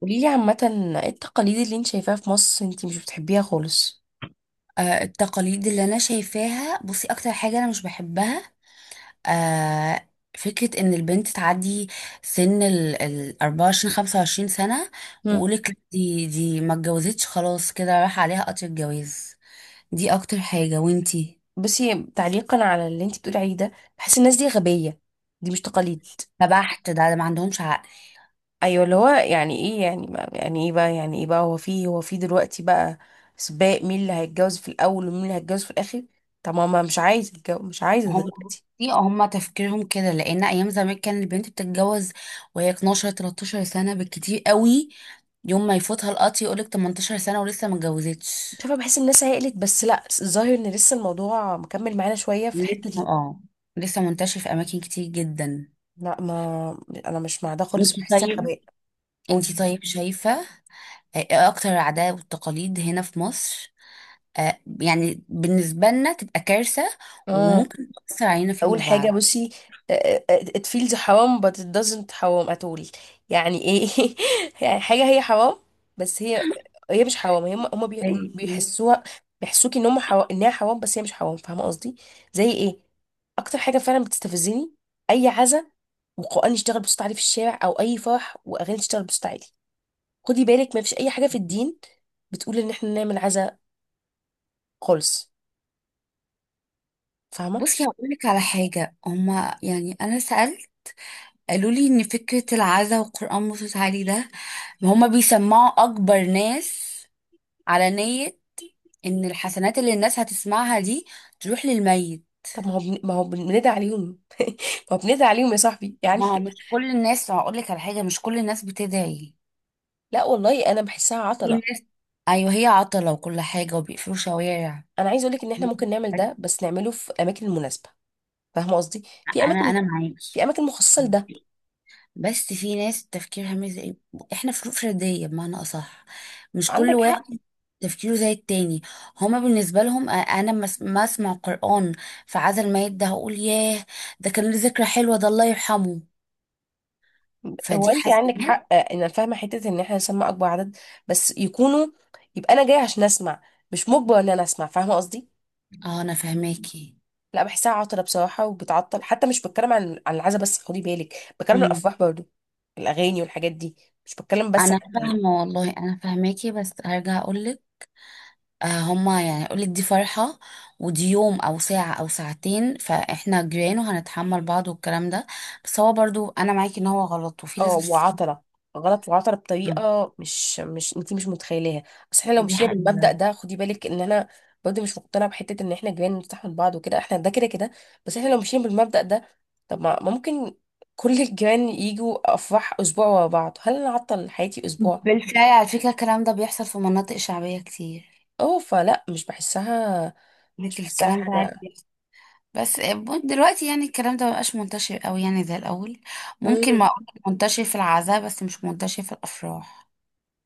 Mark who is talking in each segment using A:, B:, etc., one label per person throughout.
A: قوليلي عامة، ايه التقاليد اللي انت شايفاها في مصر انت مش بتحبيها خالص؟
B: التقاليد اللي انا شايفاها، بصي اكتر حاجه انا مش بحبها، آه، فكره ان البنت تعدي سن ال 24 25 سنه،
A: هم.
B: ويقولك دي ما اتجوزتش، خلاص كده راح عليها قطر الجواز. دي اكتر حاجه، وانتي؟
A: بصي، تعليقا على اللي انت بتقولي عليه ده، بحس الناس دي غبية. دي مش تقاليد.
B: فبحت ده ما عندهمش عقل.
A: ايوه، اللي هو يعني ايه؟ يعني ما يعني ايه بقى؟ يعني ايه بقى؟ هو في دلوقتي بقى سباق مين اللي هيتجوز في الاول ومين اللي هيتجوز في الاخر. طب ما مش عايزه اتجوز، مش عايزه
B: هم،
A: دلوقتي.
B: بصي هم تفكيرهم كده لان ايام زمان كان البنت بتتجوز وهي 12 13 سنه بالكتير قوي. يوم ما يفوتها القطر يقولك 18 سنه ولسه ما اتجوزتش.
A: شايفه، بحس الناس هيقلت، بس لا، الظاهر ان لسه الموضوع مكمل معانا شويه في
B: لسه،
A: الحته دي.
B: اه، لسه منتشر في اماكن كتير جدا.
A: لا، ما انا مش مع ده خالص،
B: انتي
A: بحسها
B: طيب
A: غباء. قولي.
B: انتي طيب شايفة؟ ايه اكتر العادات والتقاليد هنا في مصر؟ يعني بالنسبة لنا تبقى كارثة،
A: اه،
B: وممكن تأثر علينا فيما
A: اول حاجه
B: بعد.
A: بصي. It feels حرام but it doesn't حرام at all. يعني ايه يعني حاجه هي حرام، بس هي مش حرام. هم
B: زي ايه؟
A: بيحسوها. بيحسوكي ان هم حرام، انها حرام، بس هي مش حرام. فاهمه قصدي؟ زي ايه؟ اكتر حاجه فعلا بتستفزني اي عزا وقرآن يشتغل بصوت عالي في الشارع، او اي فرح واغاني تشتغل بصوت عالي. خدي بالك، ما فيش اي حاجه في الدين بتقول ان احنا نعمل عزا خالص. فاهمه؟
B: بصي هقول لك على حاجة. هما يعني، أنا سألت، قالوا لي إن فكرة العزا والقرآن مصوت عليه ده، هما بيسمعوا أكبر ناس على نية إن الحسنات اللي الناس هتسمعها دي تروح للميت.
A: طب ما هو بن... ما هو بن- بندعي عليهم. ما هو بندعي عليهم يا صاحبي يعني.
B: ما هو مش كل الناس، هقول لك على حاجة، مش كل الناس بتدعي.
A: لا والله، انا بحسها
B: في
A: عطله.
B: ناس، ايوه، هي عطلة وكل حاجة وبيقفلوا شوارع.
A: انا عايز اقولك ان احنا ممكن نعمل ده، بس نعمله في اماكن مناسبه. فاهمه قصدي؟ في
B: انا
A: اماكن
B: انا
A: في
B: معاكي،
A: اماكن مخصصه لده.
B: بس في ناس تفكيرها مش زي احنا، فروق فردية بمعنى اصح. مش كل
A: عندك حق.
B: واحد تفكيره زي التاني. هما بالنسبة لهم انا ما اسمع قرآن في عزا الميت ده، هقول ياه، ده كان له ذكرى حلوة، ده الله يرحمه،
A: هو
B: فدي
A: انت عندك
B: حسنات.
A: حق، انا فاهمه حته ان احنا نسمع اكبر عدد، بس يكونوا، يبقى انا جايه عشان اسمع، مش مجبر ان انا اسمع. فاهمه قصدي؟
B: اه انا فهماكي.
A: لا، بحسها عطله بصراحه وبتعطل. حتى مش بتكلم عن العزا بس، خدي بالك. بتكلم عن الافراح برضو، الاغاني والحاجات دي. مش بتكلم بس
B: انا
A: عن.
B: فاهمه والله، انا فاهماكي، بس هرجع اقولك. آه، هما يعني اقولك دي فرحه، ودي يوم او ساعه او ساعتين، فاحنا جيران وهنتحمل بعض والكلام ده. بس هو برضو انا معاكي ان هو غلط وفي
A: اه،
B: ناس بتستحمله.
A: وعطلة. غلط وعطلة بطريقة مش انتي مش متخيلاها. بس احنا لو
B: دي
A: مشينا
B: حقيقه.
A: بالمبدأ ده، خدي بالك ان انا برضه مش مقتنعة بحتة ان احنا جيران نفتح من بعض وكده، احنا ده كده كده. بس احنا لو مشينا بالمبدأ ده، طب ما ممكن كل الجيران يجوا افراح اسبوع ورا بعض. هل انا اعطل حياتي اسبوع؟
B: بالفعل على فكره الكلام ده بيحصل في مناطق شعبيه كتير.
A: اه، فلا، مش بحسها مش
B: لك
A: بحسها
B: الكلام ده عادي
A: حاجة.
B: بيحصل. بس دلوقتي يعني الكلام ده مبقاش منتشر قوي يعني زي الاول. ممكن ما
A: مم.
B: اقول منتشر في العزاء، بس مش منتشر في الافراح.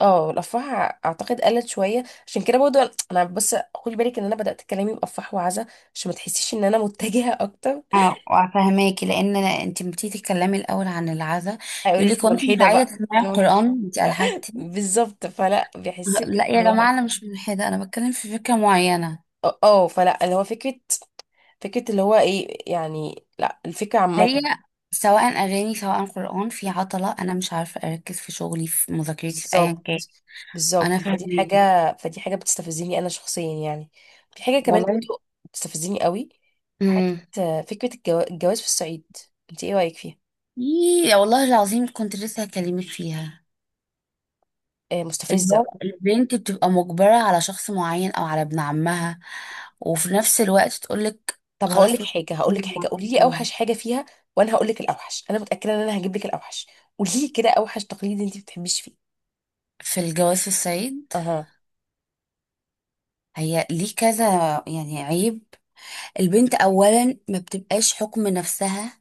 A: اه، الافراح اعتقد قلت شويه، عشان كده برضه انا بس خدي بالك ان انا بدات كلامي بافراح وعزا، عشان ما تحسيش ان انا متجهه اكتر.
B: اه فهماكي، لان انت بتيجي تتكلمي الاول عن العزاء. يقول
A: هيقولك
B: لك وانت مش
A: ملحدة
B: عايزه
A: بقى،
B: تسمعي القران؟ انت الحدتي.
A: بالظبط. فلا بيحسك
B: لا يا
A: اللي هو
B: جماعه، انا مش ملحده، انا بتكلم في فكره معينه.
A: اه. فلا اللي هو فكرة اللي هو ايه يعني؟ لا، الفكرة عامة.
B: هي سواء اغاني سواء قران، في عطله، انا مش عارفه اركز في شغلي، في مذاكرتي، في ايا
A: بالظبط،
B: كان. انا
A: بالظبط. فدي حاجة
B: فهماكي
A: فدي حاجة بتستفزني أنا شخصيا يعني. في حاجة كمان
B: والله.
A: برضه بتستفزني قوي،
B: امم.
A: حتة فكرة الجواز في الصعيد. انت ايه رأيك فيها؟
B: إيه، والله العظيم كنت لسه هكلمك فيها.
A: مستفزة.
B: البنت بتبقى مجبرة على شخص معين أو على ابن عمها، وفي نفس الوقت تقولك
A: طب هقول
B: خلاص
A: لك حاجة هقول لك
B: وتكوني
A: حاجة قولي لي
B: معايا.
A: أوحش حاجة فيها، وأنا هقول لك الأوحش. أنا متأكدة إن أنا هجيب لك الأوحش. قولي لي كده أوحش تقليد انت ما بتحبيش فيه.
B: في الجواز السعيد،
A: أها.
B: هي ليه كذا؟ يعني عيب. البنت أولا ما بتبقاش حكم نفسها،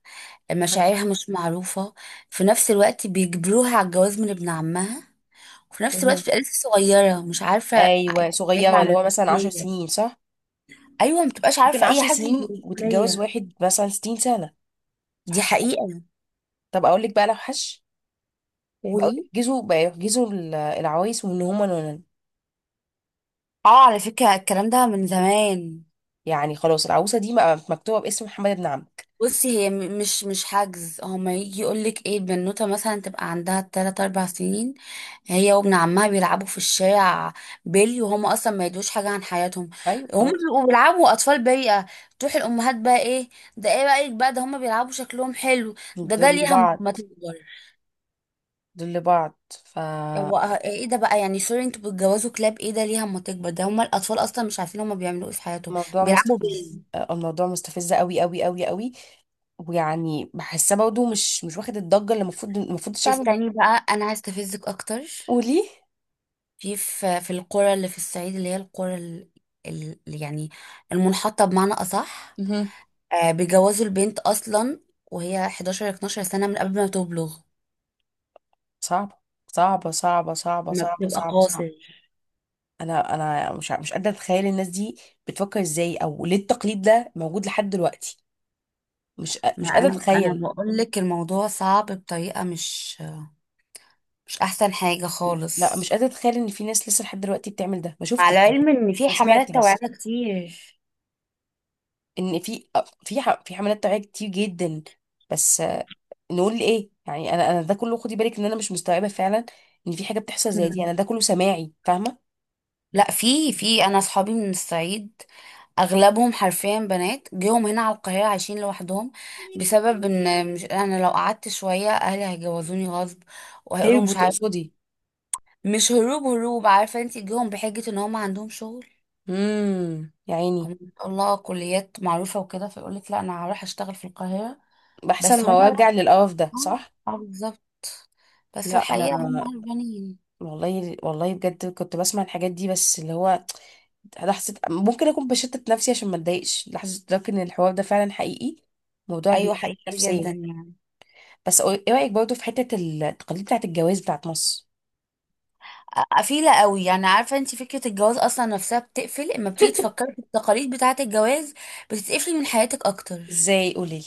B: مشاعرها مش معروفة. في نفس الوقت بيجبروها على الجواز من ابن عمها، وفي نفس الوقت
A: مهم.
B: بتبقى لسه صغيرة، مش عارفة
A: ايوه،
B: حاجة
A: صغيره،
B: عن
A: اللي هو مثلا عشر
B: المسؤولية.
A: سنين صح؟
B: أيوة، ما بتبقاش
A: ممكن
B: عارفة أي
A: عشر
B: حاجة عن
A: سنين وتتجوز
B: المسؤولية.
A: واحد مثلا 60 سنه،
B: دي
A: صح كده.
B: حقيقة.
A: طب اقول لك بقى لو حش، بقوا
B: قولي.
A: يحجزوا، بقى يحجزوا العوايس وان هما نونن.
B: اه، على فكرة الكلام ده من زمان.
A: يعني خلاص العروسه دي بقى مكتوبه باسم محمد بن عمرو.
B: بصي، هي مش حجز، هما يجي يقولك ايه، البنوتة مثلا تبقى عندها تلات أربع سنين، هي وابن عمها بيلعبوا في الشارع بيلي، وهما أصلا ما يدوش حاجة عن حياتهم.
A: ايوه
B: هما
A: خلاص،
B: بيبقوا بيلعبوا، أطفال بريئة. تروح الأمهات بقى، ايه؟ ده ايه رأيك بقى، ده هما بيلعبوا شكلهم حلو،
A: دول
B: ده ليها
A: لبعض.
B: ما تكبر.
A: دول لبعض،
B: هو
A: فالموضوع
B: اه، ايه ده بقى؟ يعني سوري، انتوا بتجوزوا كلاب؟ ايه ده، ليها ما تكبر، ده هما الأطفال أصلا مش عارفين هما بيعملوا ايه في حياتهم، بيلعبوا
A: مستفز.
B: بيلي.
A: الموضوع مستفز قوي قوي قوي قوي. ويعني بحسها برضه مش واخد الضجه اللي المفروض الشعب.
B: استني بقى، انا عايز استفزك اكتر.
A: قولي.
B: في القرى اللي في الصعيد، اللي هي اللي يعني المنحطه بمعنى اصح، بيجوزوا البنت اصلا وهي 11 12 سنه من قبل ما تبلغ،
A: صعبة صعبة صعبة صعبة
B: ما
A: صعبة
B: بتبقى
A: صعبة صعبة.
B: قاصر.
A: أنا مش قادرة أتخيل الناس دي بتفكر إزاي أو ليه التقليد ده موجود لحد دلوقتي.
B: ما
A: مش قادرة
B: انا
A: أتخيل.
B: بقول لك الموضوع صعب بطريقه مش، مش احسن حاجه
A: لا، مش
B: خالص.
A: قادرة أتخيل إن في ناس لسه لحد دلوقتي بتعمل ده. ما شفتش
B: على
A: يعني.
B: العلم ان في
A: أنا سمعت
B: حملات توعيه
A: بس
B: كتير.
A: إن في حملات توعية كتير جدا، بس نقول لإيه يعني. أنا ده كله، خدي بالك إن أنا مش مستوعبة فعلا إن في حاجة بتحصل زي دي.
B: مم.
A: أنا ده كله سماعي، فاهمة.
B: لا، في انا اصحابي من الصعيد اغلبهم حرفيا بنات جيهم هنا على القاهره عايشين لوحدهم، بسبب ان، مش، انا لو قعدت شويه اهلي هيجوزوني غصب
A: هي
B: وهيقولوا مش عارف.
A: بتقصدي.
B: مش هروب هروب، عارفه انت، جيهم بحجه ان هم عندهم شغل،
A: يا
B: هم
A: عيني.
B: ما شاء الله كليات معروفه وكده، فيقول لك لا انا هروح اشتغل في القاهره.
A: بحسن
B: بس هم
A: ما
B: لا،
A: ارجع للقرف ده، صح.
B: اه، آه، بالظبط. بس في
A: لا، انا
B: الحقيقه هم هربانين.
A: والله والله بجد كنت بسمع الحاجات دي، بس اللي هو لحظه ممكن اكون بشتت نفسي عشان ما اتضايقش، لحظه ادرك ان الحوار ده فعلا حقيقي. موضوع
B: ايوه،
A: بيتعب
B: حقيقي جدا
A: نفسيا.
B: يعني.
A: بس ايه رايك برضه في حته التقاليد بتاعه الجواز بتاعه مصر؟
B: قفيله قوي يعني. عارفه انت، فكره الجواز اصلا نفسها بتقفل، اما بتيجي تفكري في التقاليد بتاعه الجواز، بتتقفلي من حياتك اكتر.
A: ازاي؟ قولي لي.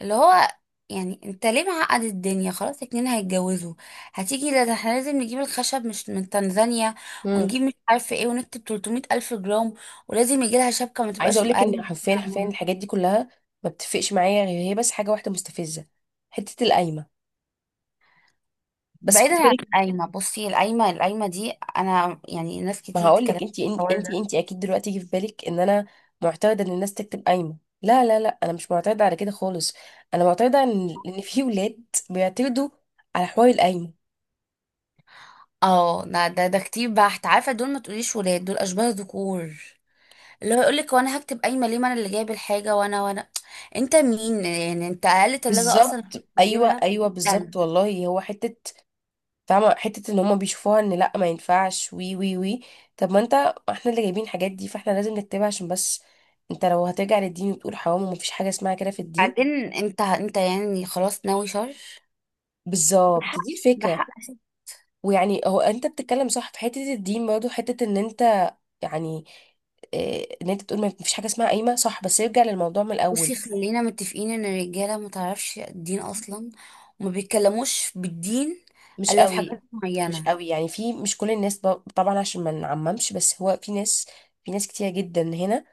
B: اللي هو يعني انت ليه معقد الدنيا؟ خلاص اتنين هيتجوزوا. هتيجي: لا ده احنا لازم نجيب الخشب مش من تنزانيا،
A: امم
B: ونجيب مش عارفه ايه، ونكتب 300 الف جرام، ولازم يجي لها شبكه ما
A: عايزه
B: تبقاش
A: اقول لك ان
B: اقل من كده
A: حرفيا حرفيا
B: عنها.
A: الحاجات دي كلها ما بتفرقش معايا، غير هي بس حاجه واحده مستفزه، حته القايمه. بس خدي
B: بعيدا عن
A: بالك،
B: القايمه، بصي، القايمه دي انا يعني، ناس
A: ما
B: كتير
A: هقول
B: تتكلم.
A: لك، انت انت اكيد دلوقتي يجي في بالك ان انا معترضه ان الناس تكتب قايمه. لا لا لا، انا مش معترضه على كده خالص. انا معترضه ان في ولاد بيعترضوا على حوار القايمه.
B: اه لا، ده كتير بحت، عارفه، دول ما تقوليش ولاد، دول اشباه ذكور. اللي هو يقولك وانا هكتب قايمه ليه، ما انا اللي جايب الحاجه، وانا انت مين يعني، انت اقل تلاجة اصلا
A: بالظبط، ايوه
B: بتجيبها
A: ايوه، بالظبط.
B: بألف.
A: والله هو حته، فاهمه حته ان هم بيشوفوها ان لا، ما ينفعش، وي وي وي. طب ما انت، احنا اللي جايبين الحاجات دي، فاحنا لازم نكتبها عشان بس. انت لو هترجع للدين وتقول حرام، ومفيش حاجه اسمها كده في الدين.
B: بعدين انت يعني خلاص ناوي شر. ده
A: بالظبط،
B: حق،
A: دي
B: ده
A: الفكره.
B: حق.
A: ويعني هو انت بتتكلم صح في حته الدين، برضه حته ان انت يعني، ان انت تقول ما فيش حاجه اسمها قايمه. صح، بس يرجع للموضوع من الاول.
B: بصي، خلينا متفقين ان الرجاله ما تعرفش الدين اصلا، وما بيتكلموش بالدين
A: مش
B: الا في
A: قوي.
B: حاجات
A: مش
B: معينه.
A: قوي يعني، في مش كل الناس طبعا عشان ما نعممش، بس هو في ناس، في ناس كتير جدا هنا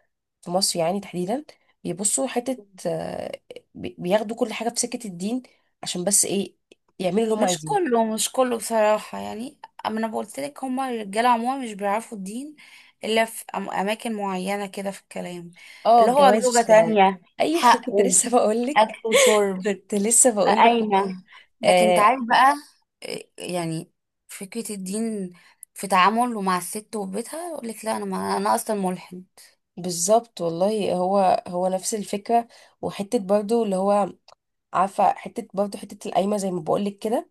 A: في مصر يعني تحديدا، بيبصوا حته، بياخدوا كل حاجه في سكه الدين عشان بس ايه؟ يعملوا اللي هم
B: مش
A: عايزينه.
B: كله مش كله بصراحة يعني. أما أنا قلت لك هما الرجالة عموما مش بيعرفوا الدين إلا في أماكن معينة كده في الكلام،
A: اه،
B: اللي هو زوجة
A: الجواز.
B: تانية،
A: ايوه كنت
B: حقه،
A: لسه بقول لك.
B: أكل وشرب،
A: كنت لسه بقول لك.
B: قايمة. لكن أنت عارف
A: آه
B: بقى، إيه، يعني فكرة الدين في تعامله مع الست وبيتها يقول لك لا أنا، ما أنا أصلا ملحد.
A: بالظبط، والله هو نفس الفكره. وحته برضو، اللي هو، عارفه حته برضه، حته القايمه، زي ما بقول لك كده،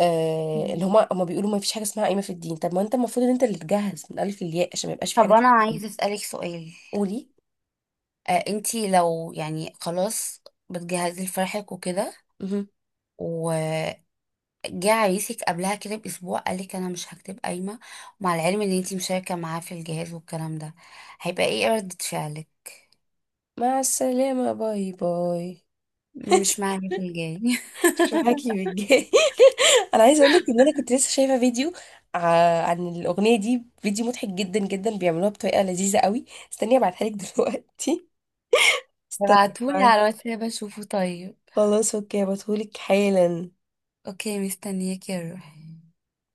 A: آه، اللي
B: مم.
A: هما بيقولوا ما فيش حاجه اسمها قايمه في الدين. طب ما انت المفروض ان انت اللي تجهز من الف للياء عشان ما يبقاش في حاجه
B: طب أنا
A: اسمها قايمه.
B: عايزة أسألك سؤال.
A: قولي.
B: أنتي لو يعني خلاص بتجهزي لفرحك وكده،
A: مهم.
B: جه عريسك قبلها كده باسبوع قالك انا مش هكتب قايمه، ومع العلم ان انتي مشاركه معاه في الجهاز والكلام ده، هيبقى ايه ردة فعلك؟
A: مع السلامه، باي باي.
B: مش معايا في الجاي.
A: مش معاكي بالجاي انا عايزه اقول لك ان انا كنت لسه شايفه فيديو عن الاغنيه دي، فيديو مضحك جدا جدا، بيعملوها بطريقه لذيذه قوي. استني ابعتها لك دلوقتي. استني.
B: ابعتولي
A: ابعت.
B: على الواتساب اشوفه طيب.
A: خلاص اوكي، هبعتهولك حالا.
B: اوكي، مستنياك يا روحي.